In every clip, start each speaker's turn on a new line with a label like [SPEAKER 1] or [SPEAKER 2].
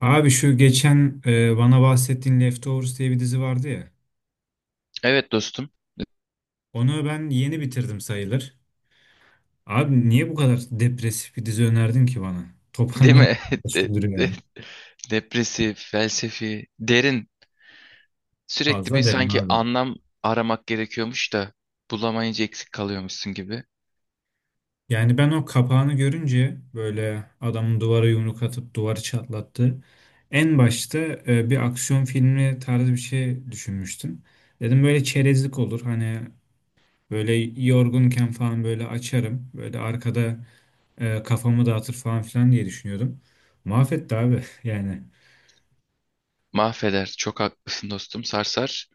[SPEAKER 1] Abi şu geçen bana bahsettiğin Leftovers diye bir dizi vardı ya.
[SPEAKER 2] Evet dostum.
[SPEAKER 1] Onu ben yeni bitirdim sayılır. Abi niye bu kadar depresif bir dizi önerdin ki bana?
[SPEAKER 2] Değil
[SPEAKER 1] Toparlanan
[SPEAKER 2] mi? De-
[SPEAKER 1] güldürüyor
[SPEAKER 2] de-
[SPEAKER 1] ya.
[SPEAKER 2] depresif, felsefi, derin. Sürekli bir
[SPEAKER 1] Fazla derim
[SPEAKER 2] sanki
[SPEAKER 1] abi.
[SPEAKER 2] anlam aramak gerekiyormuş da bulamayınca eksik kalıyormuşsun gibi.
[SPEAKER 1] Yani ben o kapağını görünce böyle adamın duvara yumruk atıp duvarı çatlattı. En başta bir aksiyon filmi tarzı bir şey düşünmüştüm. Dedim böyle çerezlik olur. Hani böyle yorgunken falan böyle açarım. Böyle arkada kafamı dağıtır falan filan diye düşünüyordum. Mahvetti abi yani.
[SPEAKER 2] Mahveder. Çok haklısın dostum. Sarsar.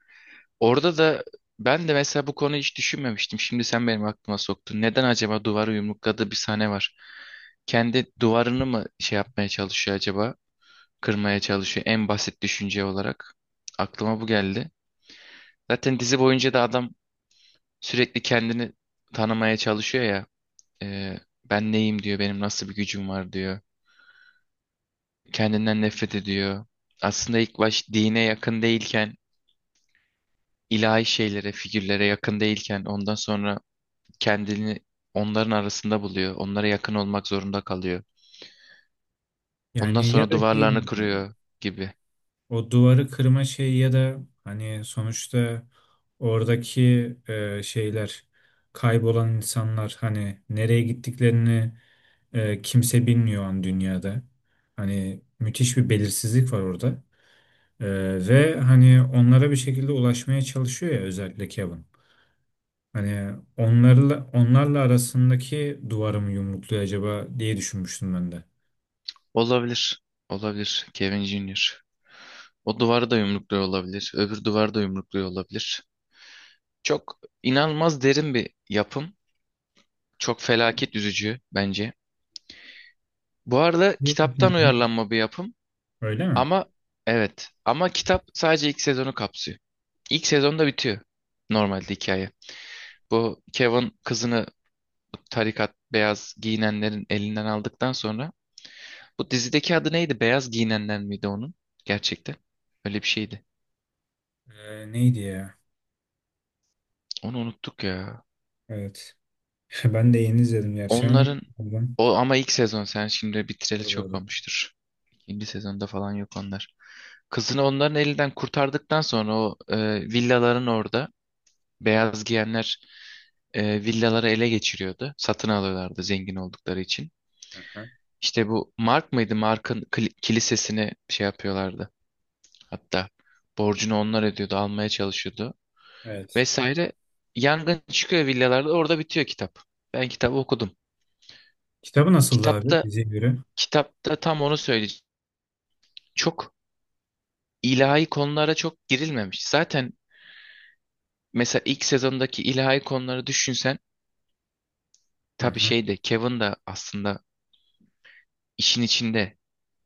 [SPEAKER 2] Orada da ben de mesela bu konuyu hiç düşünmemiştim. Şimdi sen benim aklıma soktun. Neden acaba duvarı yumrukladığı bir sahne var? Kendi duvarını mı şey yapmaya çalışıyor acaba? Kırmaya çalışıyor en basit düşünce olarak. Aklıma bu geldi. Zaten dizi boyunca da adam sürekli kendini tanımaya çalışıyor ya. E, ben neyim diyor, benim nasıl bir gücüm var diyor. Kendinden nefret ediyor. Aslında ilk baş dine yakın değilken, ilahi şeylere, figürlere yakın değilken ondan sonra kendini onların arasında buluyor. Onlara yakın olmak zorunda kalıyor. Ondan
[SPEAKER 1] Yani ya
[SPEAKER 2] sonra
[SPEAKER 1] da şey
[SPEAKER 2] duvarlarını kırıyor gibi.
[SPEAKER 1] o duvarı kırma şeyi ya da hani sonuçta oradaki şeyler, kaybolan insanlar, hani nereye gittiklerini kimse bilmiyor an dünyada. Hani müthiş bir belirsizlik var orada. E, Ve hani onlara bir şekilde ulaşmaya çalışıyor ya, özellikle Kevin. Hani onlarla arasındaki duvarı mı yumrukluyor acaba diye düşünmüştüm ben de.
[SPEAKER 2] Olabilir. Olabilir. Kevin Jr. O duvarı da yumrukluyor olabilir. Öbür duvarı da yumrukluyor olabilir. Çok inanılmaz derin bir yapım. Çok felaket üzücü bence. Bu arada
[SPEAKER 1] Değil. Hı
[SPEAKER 2] kitaptan
[SPEAKER 1] hı.
[SPEAKER 2] uyarlanma bir yapım
[SPEAKER 1] Öyle mi?
[SPEAKER 2] ama evet ama kitap sadece ilk sezonu kapsıyor. İlk sezonda bitiyor normalde hikaye. Bu Kevin kızını tarikat beyaz giyinenlerin elinden aldıktan sonra bu dizideki adı neydi? Beyaz giyinenler miydi onun? Gerçekten öyle bir şeydi.
[SPEAKER 1] Neydi ya?
[SPEAKER 2] Onu unuttuk ya.
[SPEAKER 1] Evet. Ben de yeni izledim gerçi ama.
[SPEAKER 2] Onların
[SPEAKER 1] Pardon.
[SPEAKER 2] o ama ilk sezon sen şimdi bitireli
[SPEAKER 1] Doğru,
[SPEAKER 2] çok
[SPEAKER 1] doğru.
[SPEAKER 2] olmuştur. İkinci sezonda falan yok onlar. Kızını onların elinden kurtardıktan sonra o villaların orada beyaz giyenler villaları ele geçiriyordu. Satın alıyorlardı zengin oldukları için.
[SPEAKER 1] Hı hı.
[SPEAKER 2] İşte bu Mark mıydı? Kilisesini şey yapıyorlardı. Hatta borcunu onlar ödüyordu, almaya çalışıyordu
[SPEAKER 1] Evet.
[SPEAKER 2] vesaire. Yangın çıkıyor villalarda, orada bitiyor kitap. Ben kitabı okudum.
[SPEAKER 1] Kitabı nasıldı abi
[SPEAKER 2] Kitapta
[SPEAKER 1] diziye göre?
[SPEAKER 2] kitapta tam onu söyleyeceğim. Çok ilahi konulara çok girilmemiş. Zaten mesela ilk sezondaki ilahi konuları düşünsen
[SPEAKER 1] Hı
[SPEAKER 2] tabii
[SPEAKER 1] hı.
[SPEAKER 2] şey de Kevin de aslında işin içinde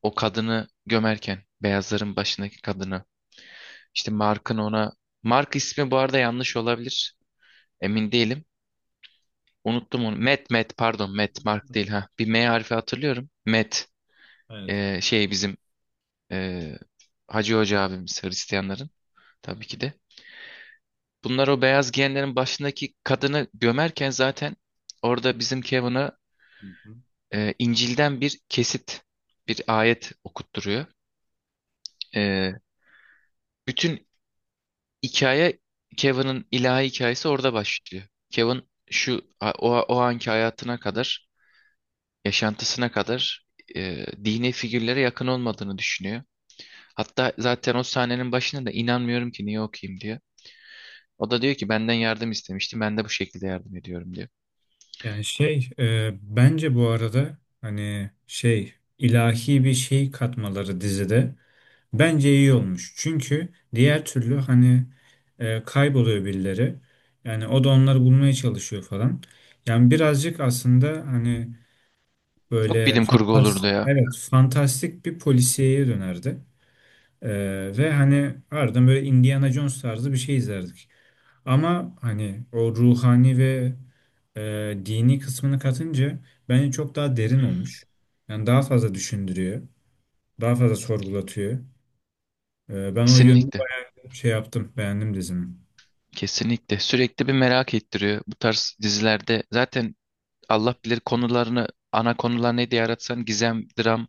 [SPEAKER 2] o kadını gömerken beyazların başındaki kadını işte Mark'ın ona Mark ismi bu arada yanlış olabilir emin değilim unuttum onu Matt pardon Matt Mark değil ha bir M harfi hatırlıyorum Matt,
[SPEAKER 1] Evet.
[SPEAKER 2] şey bizim e, Hacı Hoca abimiz Hristiyanların tabii ki de bunlar o beyaz giyenlerin başındaki kadını gömerken zaten orada bizim Kevin'a
[SPEAKER 1] Hı hı.
[SPEAKER 2] İncil'den bir kesit, bir ayet okutturuyor. E, bütün hikaye Kevin'in ilahi hikayesi orada başlıyor. Kevin şu o anki hayatına kadar, yaşantısına kadar dini figürlere yakın olmadığını düşünüyor. Hatta zaten o sahnenin başında da inanmıyorum ki niye okuyayım diyor. O da diyor ki benden yardım istemişti, ben de bu şekilde yardım ediyorum diyor.
[SPEAKER 1] Yani şey bence bu arada hani şey ilahi bir şey katmaları dizide. Bence iyi olmuş. Çünkü diğer türlü hani kayboluyor birileri. Yani o da onları bulmaya çalışıyor falan. Yani birazcık aslında hani
[SPEAKER 2] Çok
[SPEAKER 1] böyle
[SPEAKER 2] bilim kurgu
[SPEAKER 1] fantastik,
[SPEAKER 2] olurdu ya.
[SPEAKER 1] evet, fantastik bir polisiyeye dönerdi. E, Ve hani ardından böyle Indiana Jones tarzı bir şey izlerdik. Ama hani o ruhani ve dini kısmını katınca bence çok daha derin olmuş. Yani daha fazla düşündürüyor. Daha fazla sorgulatıyor. Ben o yönü
[SPEAKER 2] Kesinlikle.
[SPEAKER 1] şey yaptım, beğendim dizimi.
[SPEAKER 2] Kesinlikle sürekli bir merak ettiriyor bu tarz dizilerde. Zaten Allah bilir konularını ana konular ne diye aratsan gizem, dram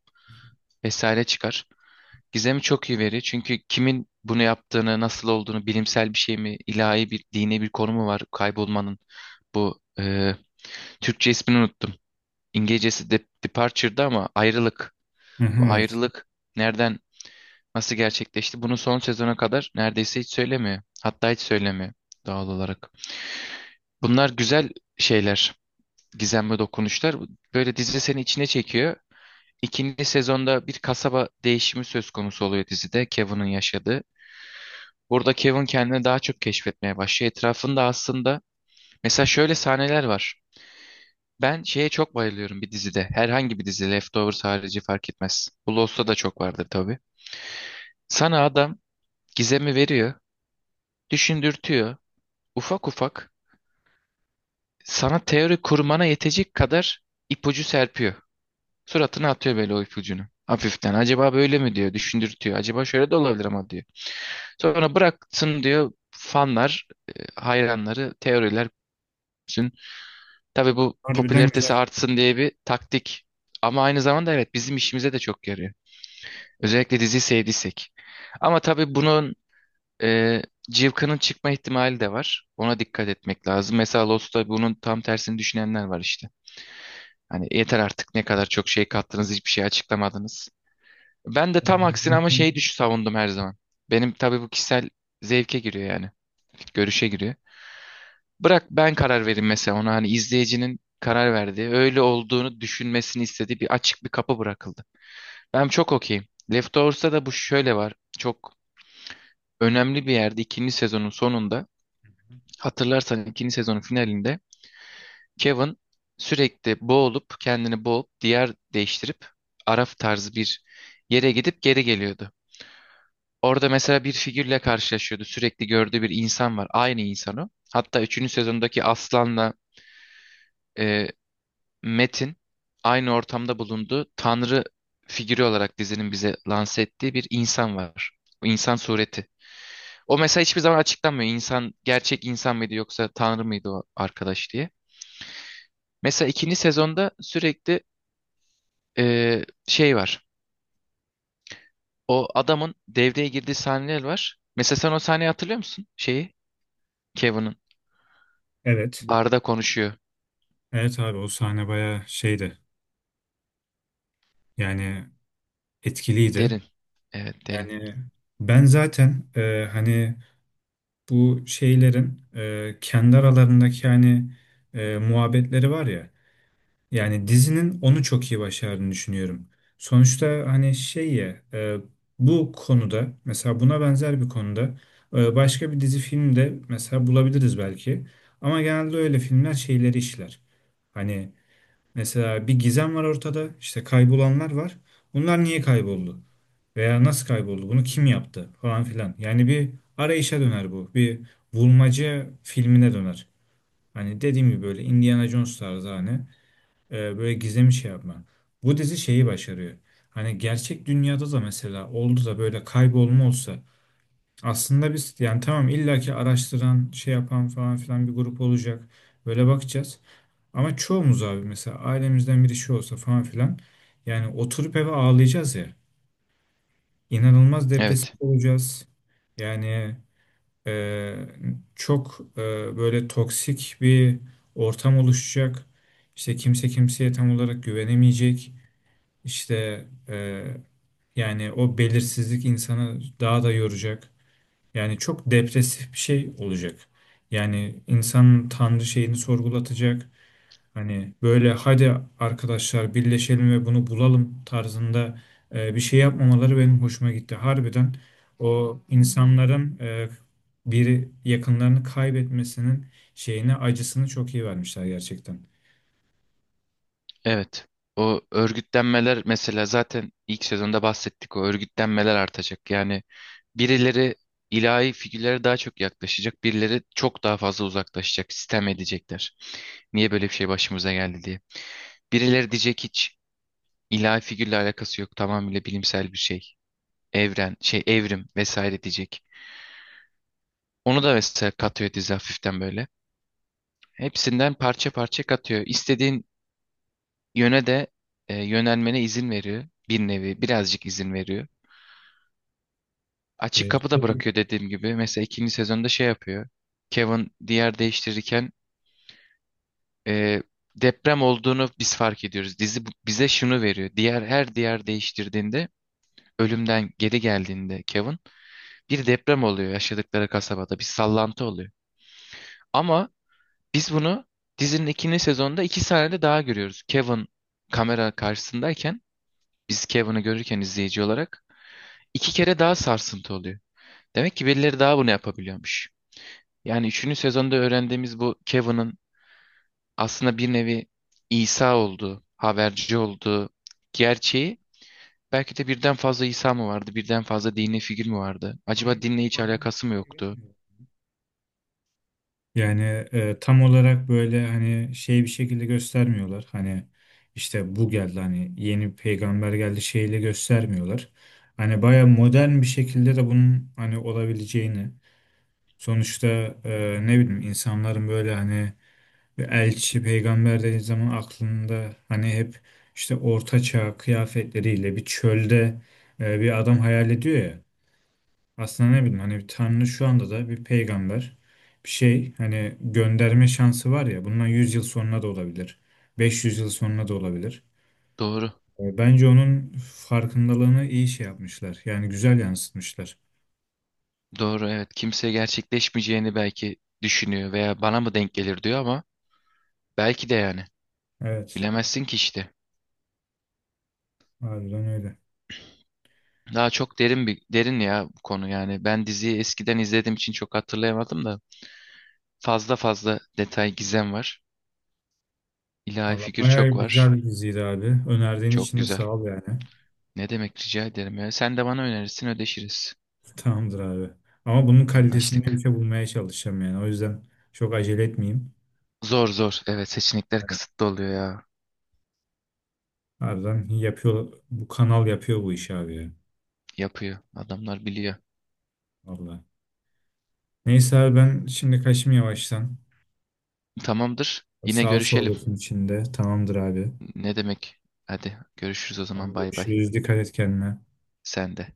[SPEAKER 2] vesaire çıkar. Gizemi çok iyi veriyor çünkü kimin bunu yaptığını, nasıl olduğunu, bilimsel bir şey mi, ilahi bir, dini bir konu mu var kaybolmanın? Bu Türkçe ismini unuttum. İngilizcesi de Departure'da ama ayrılık.
[SPEAKER 1] Hı hı,
[SPEAKER 2] Bu
[SPEAKER 1] evet.
[SPEAKER 2] ayrılık nereden, nasıl gerçekleşti? Bunu son sezona kadar neredeyse hiç söylemiyor. Hatta hiç söylemiyor doğal olarak. Bunlar güzel şeyler, gizemli dokunuşlar. Böyle dizi seni içine çekiyor. İkinci sezonda bir kasaba değişimi söz konusu oluyor dizide Kevin'in yaşadığı. Burada Kevin kendini daha çok keşfetmeye başlıyor. Etrafında aslında mesela şöyle sahneler var. Ben şeye çok bayılıyorum bir dizide. Herhangi bir dizi Leftovers harici fark etmez. Bu Lost'ta da çok vardır tabii. Sana adam gizemi veriyor, düşündürtüyor. Ufak ufak sana teori kurmana yetecek kadar ipucu serpiyor. Suratına atıyor böyle o ipucunu. Hafiften. Acaba böyle mi diyor. Düşündürtüyor. Acaba şöyle de olabilir ama diyor. Sonra bıraksın diyor fanlar, hayranları, teoriler bütün. Tabii bu
[SPEAKER 1] Harbiden güzel.
[SPEAKER 2] popülaritesi artsın diye bir taktik. Ama aynı zamanda evet bizim işimize de çok yarıyor. Özellikle diziyi sevdiysek. Ama tabii bunun e, cıvkının çıkma ihtimali de var. Ona dikkat etmek lazım. Mesela Lost'ta bunun tam tersini düşünenler var işte. Hani yeter artık ne kadar çok şey kattınız hiçbir şey açıklamadınız. Ben de tam aksine ama şeyi savundum her zaman. Benim tabii bu kişisel zevke giriyor yani. Görüşe giriyor. Bırak ben karar vereyim mesela ona hani izleyicinin karar verdiği, öyle olduğunu düşünmesini istediği bir açık bir kapı bırakıldı. Ben çok okeyim. Leftovers'ta da bu şöyle var. Çok önemli bir yerde ikinci sezonun sonunda hatırlarsan ikinci sezonun finalinde Kevin sürekli boğulup kendini boğup diğer değiştirip Araf tarzı bir yere gidip geri geliyordu. Orada mesela bir figürle karşılaşıyordu. Sürekli gördüğü bir insan var. Aynı insanı. Hatta üçüncü sezondaki Aslan'la e, Metin aynı ortamda bulunduğu Tanrı figürü olarak dizinin bize lanse ettiği bir insan var. O insan sureti. O mesela hiçbir zaman açıklanmıyor. İnsan gerçek insan mıydı yoksa Tanrı mıydı o arkadaş diye. Mesela ikinci sezonda sürekli şey var. O adamın devreye girdiği sahneler var. Mesela sen o sahneyi hatırlıyor musun? Şeyi Kevin'ın
[SPEAKER 1] Evet.
[SPEAKER 2] barda konuşuyor.
[SPEAKER 1] Evet abi, o sahne bayağı şeydi. Yani etkiliydi.
[SPEAKER 2] Derin. Evet derin.
[SPEAKER 1] Yani ben zaten hani bu şeylerin kendi aralarındaki hani muhabbetleri var ya. Yani dizinin onu çok iyi başardığını düşünüyorum. Sonuçta hani şey ya bu konuda, mesela buna benzer bir konuda başka bir dizi filmde mesela bulabiliriz belki. Ama genelde öyle filmler şeyleri işler. Hani mesela bir gizem var ortada, işte kaybolanlar var. Bunlar niye kayboldu? Veya nasıl kayboldu? Bunu kim yaptı? Falan filan. Yani bir arayışa döner bu. Bir bulmaca filmine döner. Hani dediğim gibi böyle Indiana Jones tarzı hani böyle gizemli şey yapma. Bu dizi şeyi başarıyor. Hani gerçek dünyada da mesela oldu da böyle kaybolma olsa, aslında biz, yani tamam, illaki araştıran, şey yapan falan filan bir grup olacak. Böyle bakacağız. Ama çoğumuz abi, mesela ailemizden biri şey olsa falan filan, yani oturup eve ağlayacağız ya. İnanılmaz depresif
[SPEAKER 2] Evet.
[SPEAKER 1] olacağız. Yani e, çok böyle toksik bir ortam oluşacak. İşte kimse kimseye tam olarak güvenemeyecek. İşte e, yani o belirsizlik insanı daha da yoracak. Yani çok depresif bir şey olacak. Yani insanın Tanrı şeyini sorgulatacak. Hani böyle hadi arkadaşlar birleşelim ve bunu bulalım tarzında bir şey yapmamaları benim hoşuma gitti. Harbiden o insanların biri yakınlarını kaybetmesinin şeyine, acısını çok iyi vermişler gerçekten.
[SPEAKER 2] Evet. O örgütlenmeler mesela zaten ilk sezonda bahsettik. O örgütlenmeler artacak. Yani birileri ilahi figürlere daha çok yaklaşacak. Birileri çok daha fazla uzaklaşacak. Sistem edecekler. Niye böyle bir şey başımıza geldi diye. Birileri diyecek hiç ilahi figürle alakası yok. Tamamıyla bilimsel bir şey. Evren, şey evrim vesaire diyecek. Onu da mesela katıyor dizi hafiften böyle. Hepsinden parça parça katıyor. İstediğin yöne de yönelmene izin veriyor. Bir nevi birazcık izin veriyor. Açık kapı da
[SPEAKER 1] Şey,
[SPEAKER 2] bırakıyor dediğim gibi. Mesela ikinci sezonda şey yapıyor. Kevin diğer değiştirirken e, deprem olduğunu biz fark ediyoruz. Dizi bize şunu veriyor. Diğer her diğer değiştirdiğinde ölümden geri geldiğinde Kevin bir deprem oluyor yaşadıkları kasabada. Bir sallantı oluyor. Ama biz bunu dizinin ikinci sezonda iki sahnede daha görüyoruz. Kevin kamera karşısındayken biz Kevin'i görürken izleyici olarak iki kere daha sarsıntı oluyor. Demek ki birileri daha bunu yapabiliyormuş. Yani üçüncü sezonda öğrendiğimiz bu Kevin'ın aslında bir nevi İsa olduğu, haberci olduğu gerçeği belki de birden fazla İsa mı vardı, birden fazla dini figür mü vardı? Acaba dinle hiç
[SPEAKER 1] onun
[SPEAKER 2] alakası mı
[SPEAKER 1] çok iyi
[SPEAKER 2] yoktu?
[SPEAKER 1] vermiyor. Yani tam olarak böyle hani şey bir şekilde göstermiyorlar. Hani işte bu geldi, hani yeni peygamber geldi şeyle göstermiyorlar. Hani baya modern bir şekilde de bunun hani olabileceğini. Sonuçta ne bileyim, insanların böyle hani bir elçi peygamber dediği zaman aklında hani hep işte orta çağ kıyafetleriyle bir çölde bir adam hayal ediyor ya. Aslında ne bileyim, hani Tanrı şu anda da bir peygamber, bir şey hani gönderme şansı var ya, bundan 100 yıl sonra da olabilir. 500 yıl sonra da olabilir.
[SPEAKER 2] Doğru,
[SPEAKER 1] Bence onun farkındalığını iyi şey yapmışlar. Yani güzel yansıtmışlar.
[SPEAKER 2] doğru evet. Kimse gerçekleşmeyeceğini belki düşünüyor veya bana mı denk gelir diyor ama belki de yani.
[SPEAKER 1] Evet.
[SPEAKER 2] Bilemezsin ki işte.
[SPEAKER 1] Harbiden öyle.
[SPEAKER 2] Daha çok derin bir derin ya bu konu yani. Ben diziyi eskiden izlediğim için çok hatırlayamadım da. Fazla fazla detay gizem var. İlahi
[SPEAKER 1] Valla
[SPEAKER 2] figür
[SPEAKER 1] bayağı
[SPEAKER 2] çok var.
[SPEAKER 1] güzel bir diziydi abi. Önerdiğin
[SPEAKER 2] Çok
[SPEAKER 1] için de
[SPEAKER 2] güzel.
[SPEAKER 1] sağ ol yani.
[SPEAKER 2] Ne demek rica ederim ya. Sen de bana önerirsin ödeşiriz.
[SPEAKER 1] Tamamdır abi. Ama bunun kalitesinde bir
[SPEAKER 2] Anlaştık.
[SPEAKER 1] şey bulmaya çalışacağım yani. O yüzden çok acele etmeyeyim.
[SPEAKER 2] Zor zor. Evet seçenekler
[SPEAKER 1] Evet.
[SPEAKER 2] kısıtlı oluyor ya.
[SPEAKER 1] Harbiden yapıyor. Bu kanal yapıyor bu işi abi ya.
[SPEAKER 2] Yapıyor. Adamlar biliyor.
[SPEAKER 1] Valla. Neyse abi ben şimdi kaçayım yavaştan.
[SPEAKER 2] Tamamdır. Yine
[SPEAKER 1] Sağ ol
[SPEAKER 2] görüşelim.
[SPEAKER 1] sohbetin içinde. Tamamdır abi.
[SPEAKER 2] Ne demek? Hadi görüşürüz o zaman
[SPEAKER 1] Hadi
[SPEAKER 2] bay bay.
[SPEAKER 1] görüşürüz. Dikkat et kendine.
[SPEAKER 2] Sen de.